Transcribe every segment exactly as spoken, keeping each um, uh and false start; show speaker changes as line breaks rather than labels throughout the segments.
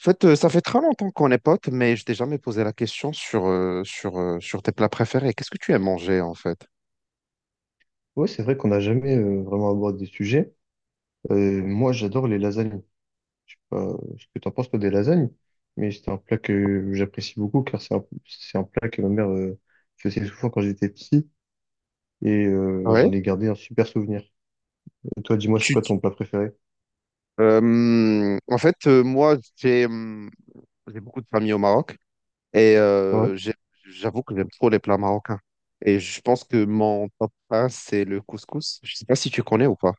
En fait, euh, ça fait très longtemps qu'on est potes, mais je t'ai jamais posé la question sur, euh, sur, euh, sur tes plats préférés. Qu'est-ce que tu aimes manger, en fait?
Ouais, c'est vrai qu'on n'a jamais euh, vraiment abordé des sujets. Euh, moi, j'adore les lasagnes. Je sais pas ce que t'en penses, toi, des lasagnes, mais c'est un plat que j'apprécie beaucoup car c'est un, c'est un plat que ma mère euh, faisait souvent quand j'étais petit et euh,
Ouais.
j'en ai gardé un super souvenir. Et toi, dis-moi, c'est
Tu...
quoi
tu-
ton plat préféré?
Euh, en fait, euh, moi, j'ai hum, j'ai beaucoup de famille au Maroc et
Ouais.
euh, j'ai- j'avoue que j'aime trop les plats marocains. Et je pense que mon top un, c'est le couscous. Je sais pas si tu connais ou pas.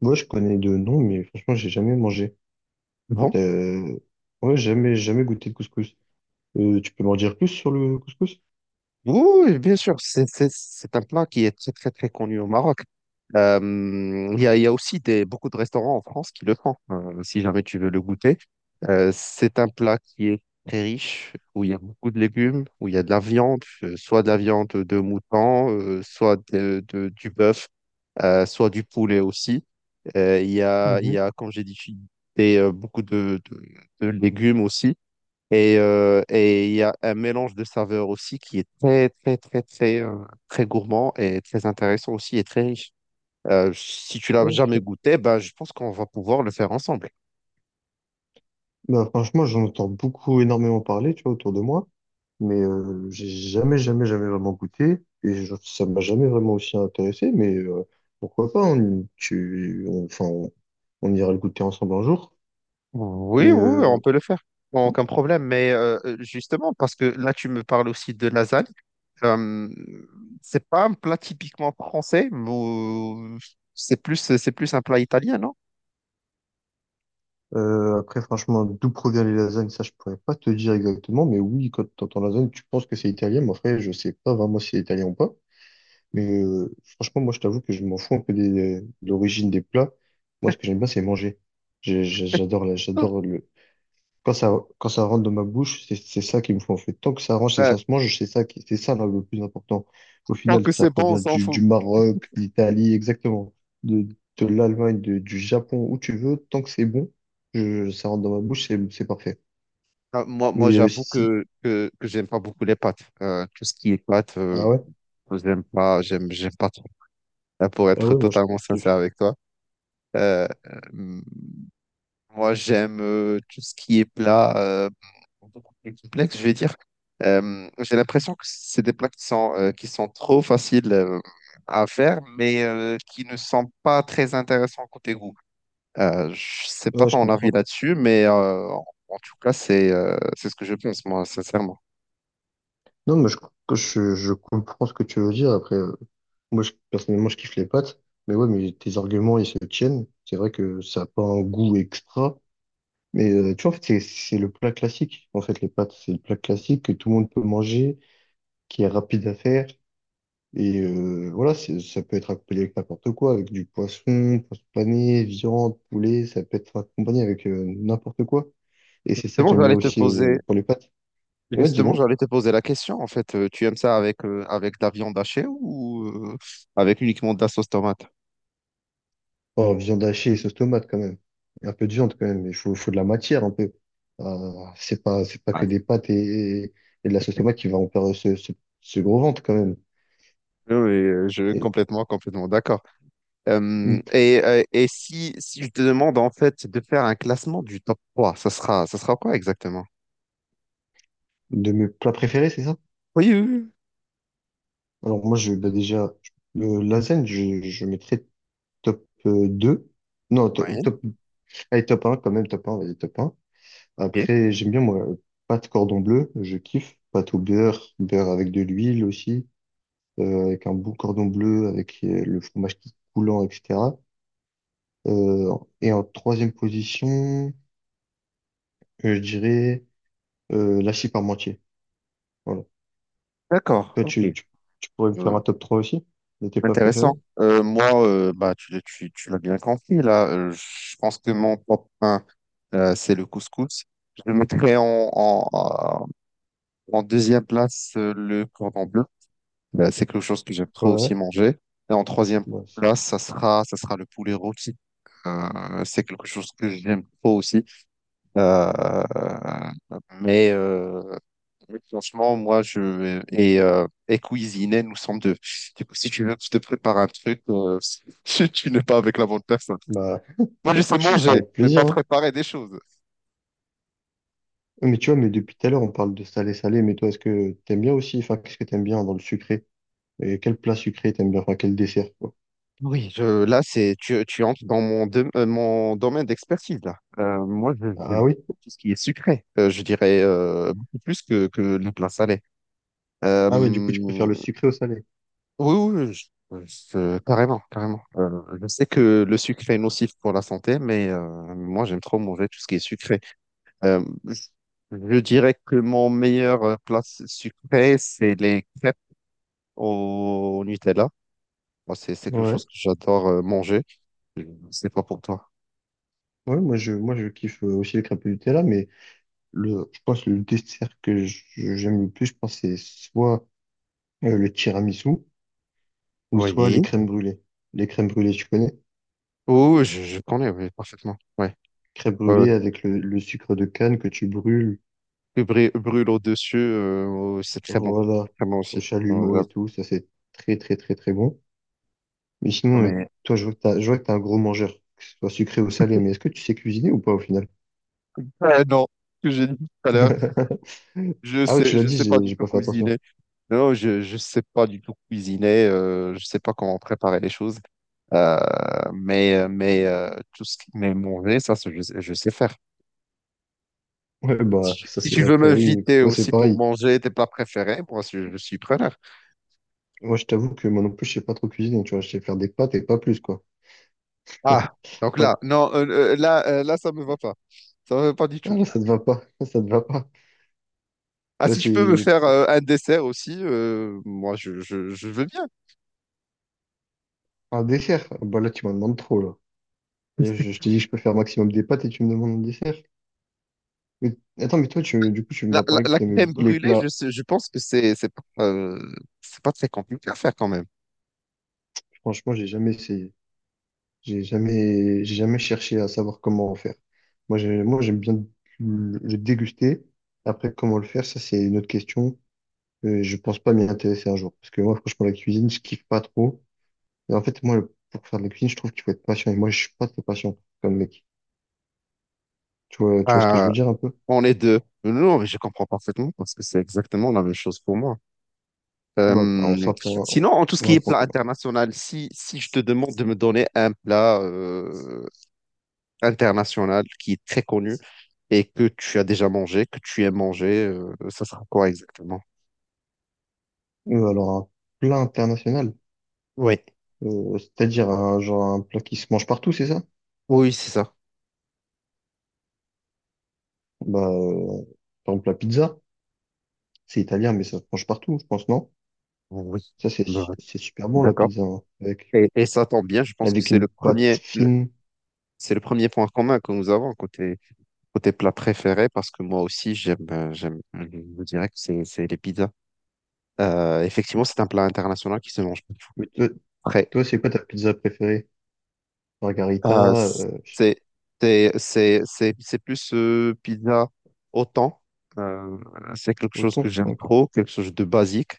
Moi, je connais de nom, mais franchement, j'ai jamais mangé. Et
Bon.
t'as- Ouais, jamais, jamais goûté de couscous. Euh, tu peux m'en dire plus sur le couscous?
Oui, oui, bien sûr, c'est c'est- c'est un plat qui est très, très, très connu au Maroc. Euh, Il y a, il y a aussi des, beaucoup de restaurants en France qui le font, euh, si jamais tu veux le goûter. Euh, c'est un plat qui est très riche, où il y a beaucoup de légumes, où il y a de la viande, euh, soit de la viande de mouton, euh, soit de, de- du bœuf, euh, soit du poulet aussi. Euh, Il y a, il y
Mhm.
a, comme j'ai dit, des, euh, beaucoup de, de de légumes aussi. Et euh, et il y a un mélange de saveurs aussi qui est très, très, très, très, euh, très gourmand et très intéressant aussi et très riche. Euh, si tu l'as jamais
Ok.
goûté, ben, je pense qu'on va pouvoir le faire ensemble.
Bah, franchement, j'en entends beaucoup, énormément parler, tu vois, autour de moi, mais euh, j'ai jamais, jamais, jamais vraiment goûté et je- ça m'a jamais vraiment aussi intéressé, mais euh, pourquoi pas, on, tu, on- enfin, on, on ira le goûter ensemble un jour. Mais
Oui, oui, oui, on
euh,
peut le faire. Bon, aucun problème. Mais euh, justement, parce que là, tu me parles aussi de lasagne. Euh, c'est pas un plat typiquement français, mais euh, c'est plus, c'est plus un plat italien, non?
euh, Après, franchement, d'où provient les lasagnes, ça, je pourrais pas te dire exactement, mais oui, quand tu entends lasagne, tu penses que c'est italien, mais après, je sais pas vraiment si c'est italien ou pas. Mais euh, franchement, moi, je t'avoue que je m'en fous un peu des, de l'origine des plats. Moi, ce que j'aime bien, c'est manger. J'ai- j'ai- J'adore, la- j'adore le, Quand ça, quand ça rentre dans ma bouche, c'est c'est ça qui me faut en fait. Tant que ça rentre et
Euh,
ça se mange, c'est ça qui, c'est ça là, le plus important. Au
Tant
final,
que
ça
c'est bon, on
provient
s'en
du,
fout.
du Maroc, de l'Italie, exactement, de, de l'Allemagne, de- du Japon, où tu veux. Tant que c'est bon, je, ça rentre dans ma bouche, c'est, c'est parfait.
Ah, Moi, moi
Mais euh, si,
j'avoue
si-
que, que, que j'aime pas beaucoup les pâtes. Euh, tout ce qui est pâtes, euh,
ah ouais,
j'aime pas, j'aime, j'aime pas trop. Là, pour
ah
être
ouais, moi je
totalement sincère
kiffe.
avec toi, euh, euh, moi, j'aime euh, tout ce qui est plat euh, beaucoup plus complexe, je vais dire. Euh, j'ai l'impression que c'est des plats qui sont, euh, qui sont trop faciles euh, à faire, mais euh, qui ne sont pas très intéressants côté goût. Euh, je sais pas
Ouais, je
ton avis
comprends.
là-dessus, mais euh, en en tout cas, c'est euh, c'est ce que je pense, moi, sincèrement.
Non, mais je, que je, je comprends ce que tu veux dire. Après, euh, moi je, personnellement, je kiffe les pâtes. Mais ouais, mais tes arguments, ils se tiennent. C'est vrai que ça n'a pas un goût extra. Mais euh, tu vois, en fait, c'est c'est le plat classique. En fait, les pâtes, c'est le plat classique que tout le monde peut manger, qui est rapide à faire. Et euh, voilà, c'est- ça peut être accompagné avec n'importe quoi, avec du poisson, poisson pané, viande, poulet, ça peut être accompagné avec euh, n'importe quoi. Et c'est ça que
Justement,
j'aime bien
j'allais te
aussi
poser,
euh, pour les pâtes. Ouais,
justement,
dis-moi.
j'allais te poser la question. En fait, Euh, tu aimes ça avec, euh, avec de la viande hachée ou euh, avec uniquement de la sauce tomate?
Oh, viande hachée et sauce tomate quand même. Un peu de viande quand même, il faut, faut de la matière un peu. Euh, c'est pas, c'est pas que
Ah,
des pâtes et, et de la sauce tomate qui va en faire ce, ce, ce gros ventre quand même.
oui, oui, euh, je
Et-
complètement, complètement d'accord. Euh, et euh, et si, si je te demande en fait de faire un classement du top trois ça sera, ça sera quoi exactement?
De mes plats préférés, c'est ça?
Oui, oui, oui.
Alors moi, je, bah déjà, euh, lasagne, je, je mettrais top euh, deux. Non, to-
Ouais,
top, allez, top un quand même, top un vas-y, top un.
ok.
Après, j'aime bien, moi, pâte cordon bleu, je kiffe. Pâte au beurre, beurre avec de l'huile aussi, euh, avec un bon cordon bleu, avec euh, le fromage qui est coulant, et cetera. Euh, et en troisième position, euh, je dirais euh, par parmentier. Voilà.
D'accord,
Toi,
ok.
tu, tu, tu pourrais me faire
Euh,
un top trois aussi, de tes plats
Intéressant.
préférés?
Euh, moi, euh, bah, tu, tu, tu l'as bien compris, là. Euh, je pense que mon top un euh, c'est le couscous. Je le mettrais en, en, En deuxième place, euh, le cordon bleu. Euh, c'est quelque chose que j'aime trop aussi
Ouais,
manger. Et en troisième
bah, c'est-
place, ça sera, ça sera le poulet rôti. Euh, c'est quelque chose que j'aime trop aussi. Euh, mais, euh, mais franchement, moi, je et, euh, et cuisiner, nous sommes deux. Du coup, si tu veux, je te prépare un truc, euh, tu n'es pas avec la bonne personne.
bon. Bah,
Moi, je sais manger,
avec
mais pas
plaisir, hein.
préparer des choses.
Mais tu vois, mais depuis tout à l'heure, on parle de salé-salé, mais toi, est-ce que t'aimes bien aussi? Enfin, qu'est-ce que t'aimes bien dans le sucré? Et quel plat sucré t'aimes bien? Enfin, quel dessert, quoi.
Oui, je, là, c'est, tu, tu entres dans mon, dom- euh, mon domaine d'expertise, là. Euh, moi, je- j'aime
Ah oui?
beaucoup tout ce qui est sucré. Euh, je dirais euh, beaucoup plus que, que le plat salé.
Ah ouais, du
Euh,
coup, tu préfères le sucré au salé.
oui, oui, oui, je- euh, je- carrément, carrément. Euh, je sais que le sucré est nocif pour la santé, mais euh, moi, j'aime trop manger tout ce qui est sucré. Euh, je, je dirais que mon meilleur euh, plat sucré, c'est les crêpes au Nutella. Moi, c'est c'est quelque
Ouais.
chose que j'adore euh, manger. Je sais pas pour toi.
Ouais, moi, je, moi, je kiffe euh, aussi les crêpes au Nutella, mais le, je pense que le dessert que je- j'aime le plus, je pense, c'est soit euh, le tiramisu ou soit les
Oui.
crèmes brûlées. Les crèmes brûlées, tu connais?
Oh, je, je connais, oui, parfaitement. Ouais.
Crêpes
Ouais, ouais.
brûlées avec le, le sucre de canne que tu brûles,
Le brû- brûle au-dessus, euh, oh, c'est très bon.
voilà,
Très bon
au
aussi. Bon,
chalumeau
j'avoue.
et tout, ça, c'est très, très, très, très bon. Mais sinon, euh,
Mais
toi, je vois que t'as, je vois que t'es un gros mangeur, que ce soit sucré ou salé, mais est-ce que tu sais cuisiner ou pas au final?
Euh, non, ce que j'ai dit tout à l'heure, je
Ah ouais, tu
sais,
l'as
je
dit,
sais pas
j'ai
du
j'ai
tout
pas fait attention.
cuisiner. Non, je, je sais pas du tout cuisiner. Euh, je sais pas comment préparer les choses. Euh, mais, euh, mais euh, tout ce qui mais manger, ça, c'est- je, sais- je sais faire.
Ouais,
Si,
bah
tu
ça
si tu
c'est
veux
après, oui,
m'inviter
moi c'est
aussi pour
pareil.
manger tes plats préférés, moi, je, je suis preneur.
Moi je t'avoue que moi non plus je sais pas trop cuisiner, tu vois, je sais faire des pâtes et pas plus quoi.
Ah, donc là,
Pas-
non, euh, euh, là, euh, là, ça me va pas. Ça me va pas du
Ah
tout.
là ça te va pas, ça te va pas.
Ah,
Là
si je peux me
c'est
faire euh, un dessert aussi, euh, moi, je, je, je veux bien.
un dessert, bah là tu m'en demandes trop là. Et je, je t'ai dit que je peux faire maximum des pâtes et tu me demandes un dessert. Mais attends, mais toi tu, du coup tu
La,
m'as
la,
parlé que
la
t'aimais
crème
beaucoup les
brûlée, je,
plats.
sais- je pense que c'est, c'est pas, euh, c'est pas très compliqué à faire quand même.
Franchement j'ai jamais essayé. J'ai jamais, j'ai jamais cherché à savoir comment en faire. Moi, j'ai- moi, j'aime bien le le déguster. Après, comment le faire, ça, c'est une autre question. Euh, je pense pas m'y intéresser un jour. Parce que moi, franchement, la cuisine, je kiffe pas trop. Et en fait, moi, le- pour faire de la cuisine, je trouve qu'il faut être patient. Et moi, je suis pas très patient comme mec. Tu vois, tu vois ce que je
Ah,
veux dire un peu?
on est deux. Non, mais je comprends parfaitement parce que c'est exactement la même chose pour moi.
Bah, on
Euh,
s'attend,
Sinon, en tout ce
on
qui
a un
est
point
plat
commun.
international, si, si je te demande de me donner un plat, euh, international qui est très connu et que tu as déjà mangé, que tu aimes manger, euh, ça sera quoi exactement?
Euh, alors, un plat international,
Oui,
euh, c'est-à-dire un, genre, un plat qui se mange partout, c'est ça?
oui, c'est ça.
Bah, euh, par exemple, la pizza, c'est italien, mais ça se mange partout, je pense, non?
Oui,
Ça, c'est
bah,
c'est super bon, la
d'accord.
pizza, hein, avec,
Et, et ça tombe bien, je pense que
avec
c'est
une
le
pâte
premier, le-
fine.
c'est le premier point commun que nous avons côté, côté plat préféré, parce que moi aussi, j'aime, euh, j'aime, je vous dirais que c'est, c'est les pizzas. Euh, effectivement, c'est un plat international qui se mange partout.
Mais toi, toi, c'est quoi ta pizza préférée?
Euh,
Margarita, euh,
c'est c'est c'est c'est c'est plus euh, pizza au thon. Euh, voilà, c'est quelque
au
chose que
thon? Hein,
j'aime
ok.
trop, quelque chose de basique.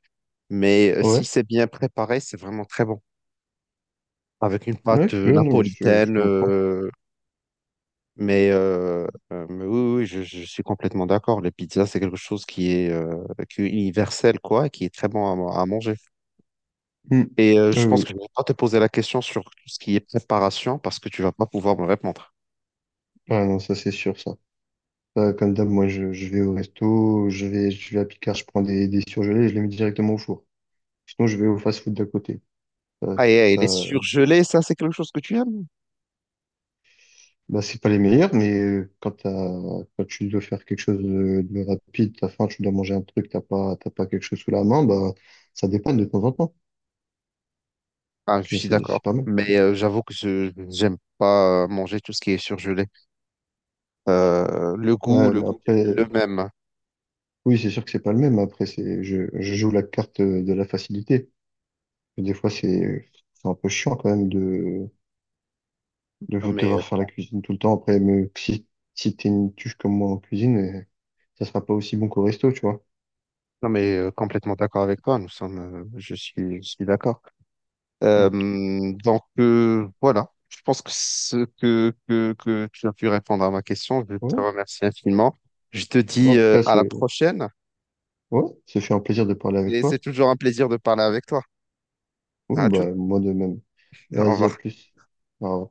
Mais euh, si
Ouais,
c'est bien préparé, c'est vraiment très bon. Avec une pâte
ouais,
euh,
ouais, non, mais je, je
napolitaine.
comprends.
Euh, mais, euh, euh, mais oui, oui, je, je suis complètement d'accord. Les pizzas, c'est quelque chose qui est, euh, qui est universel, quoi, et qui est très bon à, à manger.
Hmm.
Et euh,
Oui, oui,
je pense que
oui.
je ne vais pas te poser la question sur tout ce qui est préparation parce que tu vas pas pouvoir me répondre.
Ah non, ça, c'est sûr, ça. Ça, comme d'hab, moi, je, je vais au resto, je vais, je vais à Picard, je prends des, des surgelés et je les mets directement au four. Sinon, je vais au fast-food d'à côté. Ça,
Ah, et, et les
ça,
surgelés, ça, c'est quelque chose que tu aimes?
bah, c'est pas les meilleurs, mais euh, quand, t'as- quand tu dois faire quelque chose de, de rapide, t'as faim, tu dois manger un truc, t'as pas, t'as pas quelque chose sous la main, bah, ça dépanne de temps en temps.
Ah, je
Je
suis
sais. C'est
d'accord.
pas mal.
Mais euh, j'avoue que je j'aime pas euh, manger tout ce qui est surgelé. Euh, le goût,
Ouais,
le
bah
goût n'est plus le
après,
même.
oui, c'est sûr que c'est pas le même. Après, c'est, je, je joue la carte euh, de la facilité. Des fois, c'est, c'est un peu chiant quand même de, de
Non, mais, euh,
devoir faire la cuisine tout le temps. Après, mais si, si t'es une tuche comme moi en cuisine, euh, ça sera pas aussi bon qu'au resto, tu vois.
non, mais euh, complètement d'accord avec toi. Nous sommes, euh, je suis, je suis d'accord. Euh,
Mm.
donc, euh, voilà. Je pense que ce que, que, que tu as pu répondre à ma question, je te
Ouais.
remercie infiniment. Je te dis
En tout
euh,
cas,
à la
c'est,
prochaine
ouais, ça fait un plaisir de parler avec
et c'est
toi.
toujours un plaisir de parler avec toi.
Oui,
À tout.
bah, moi de même.
Au
Vas-y, à
revoir.
plus. Au revoir.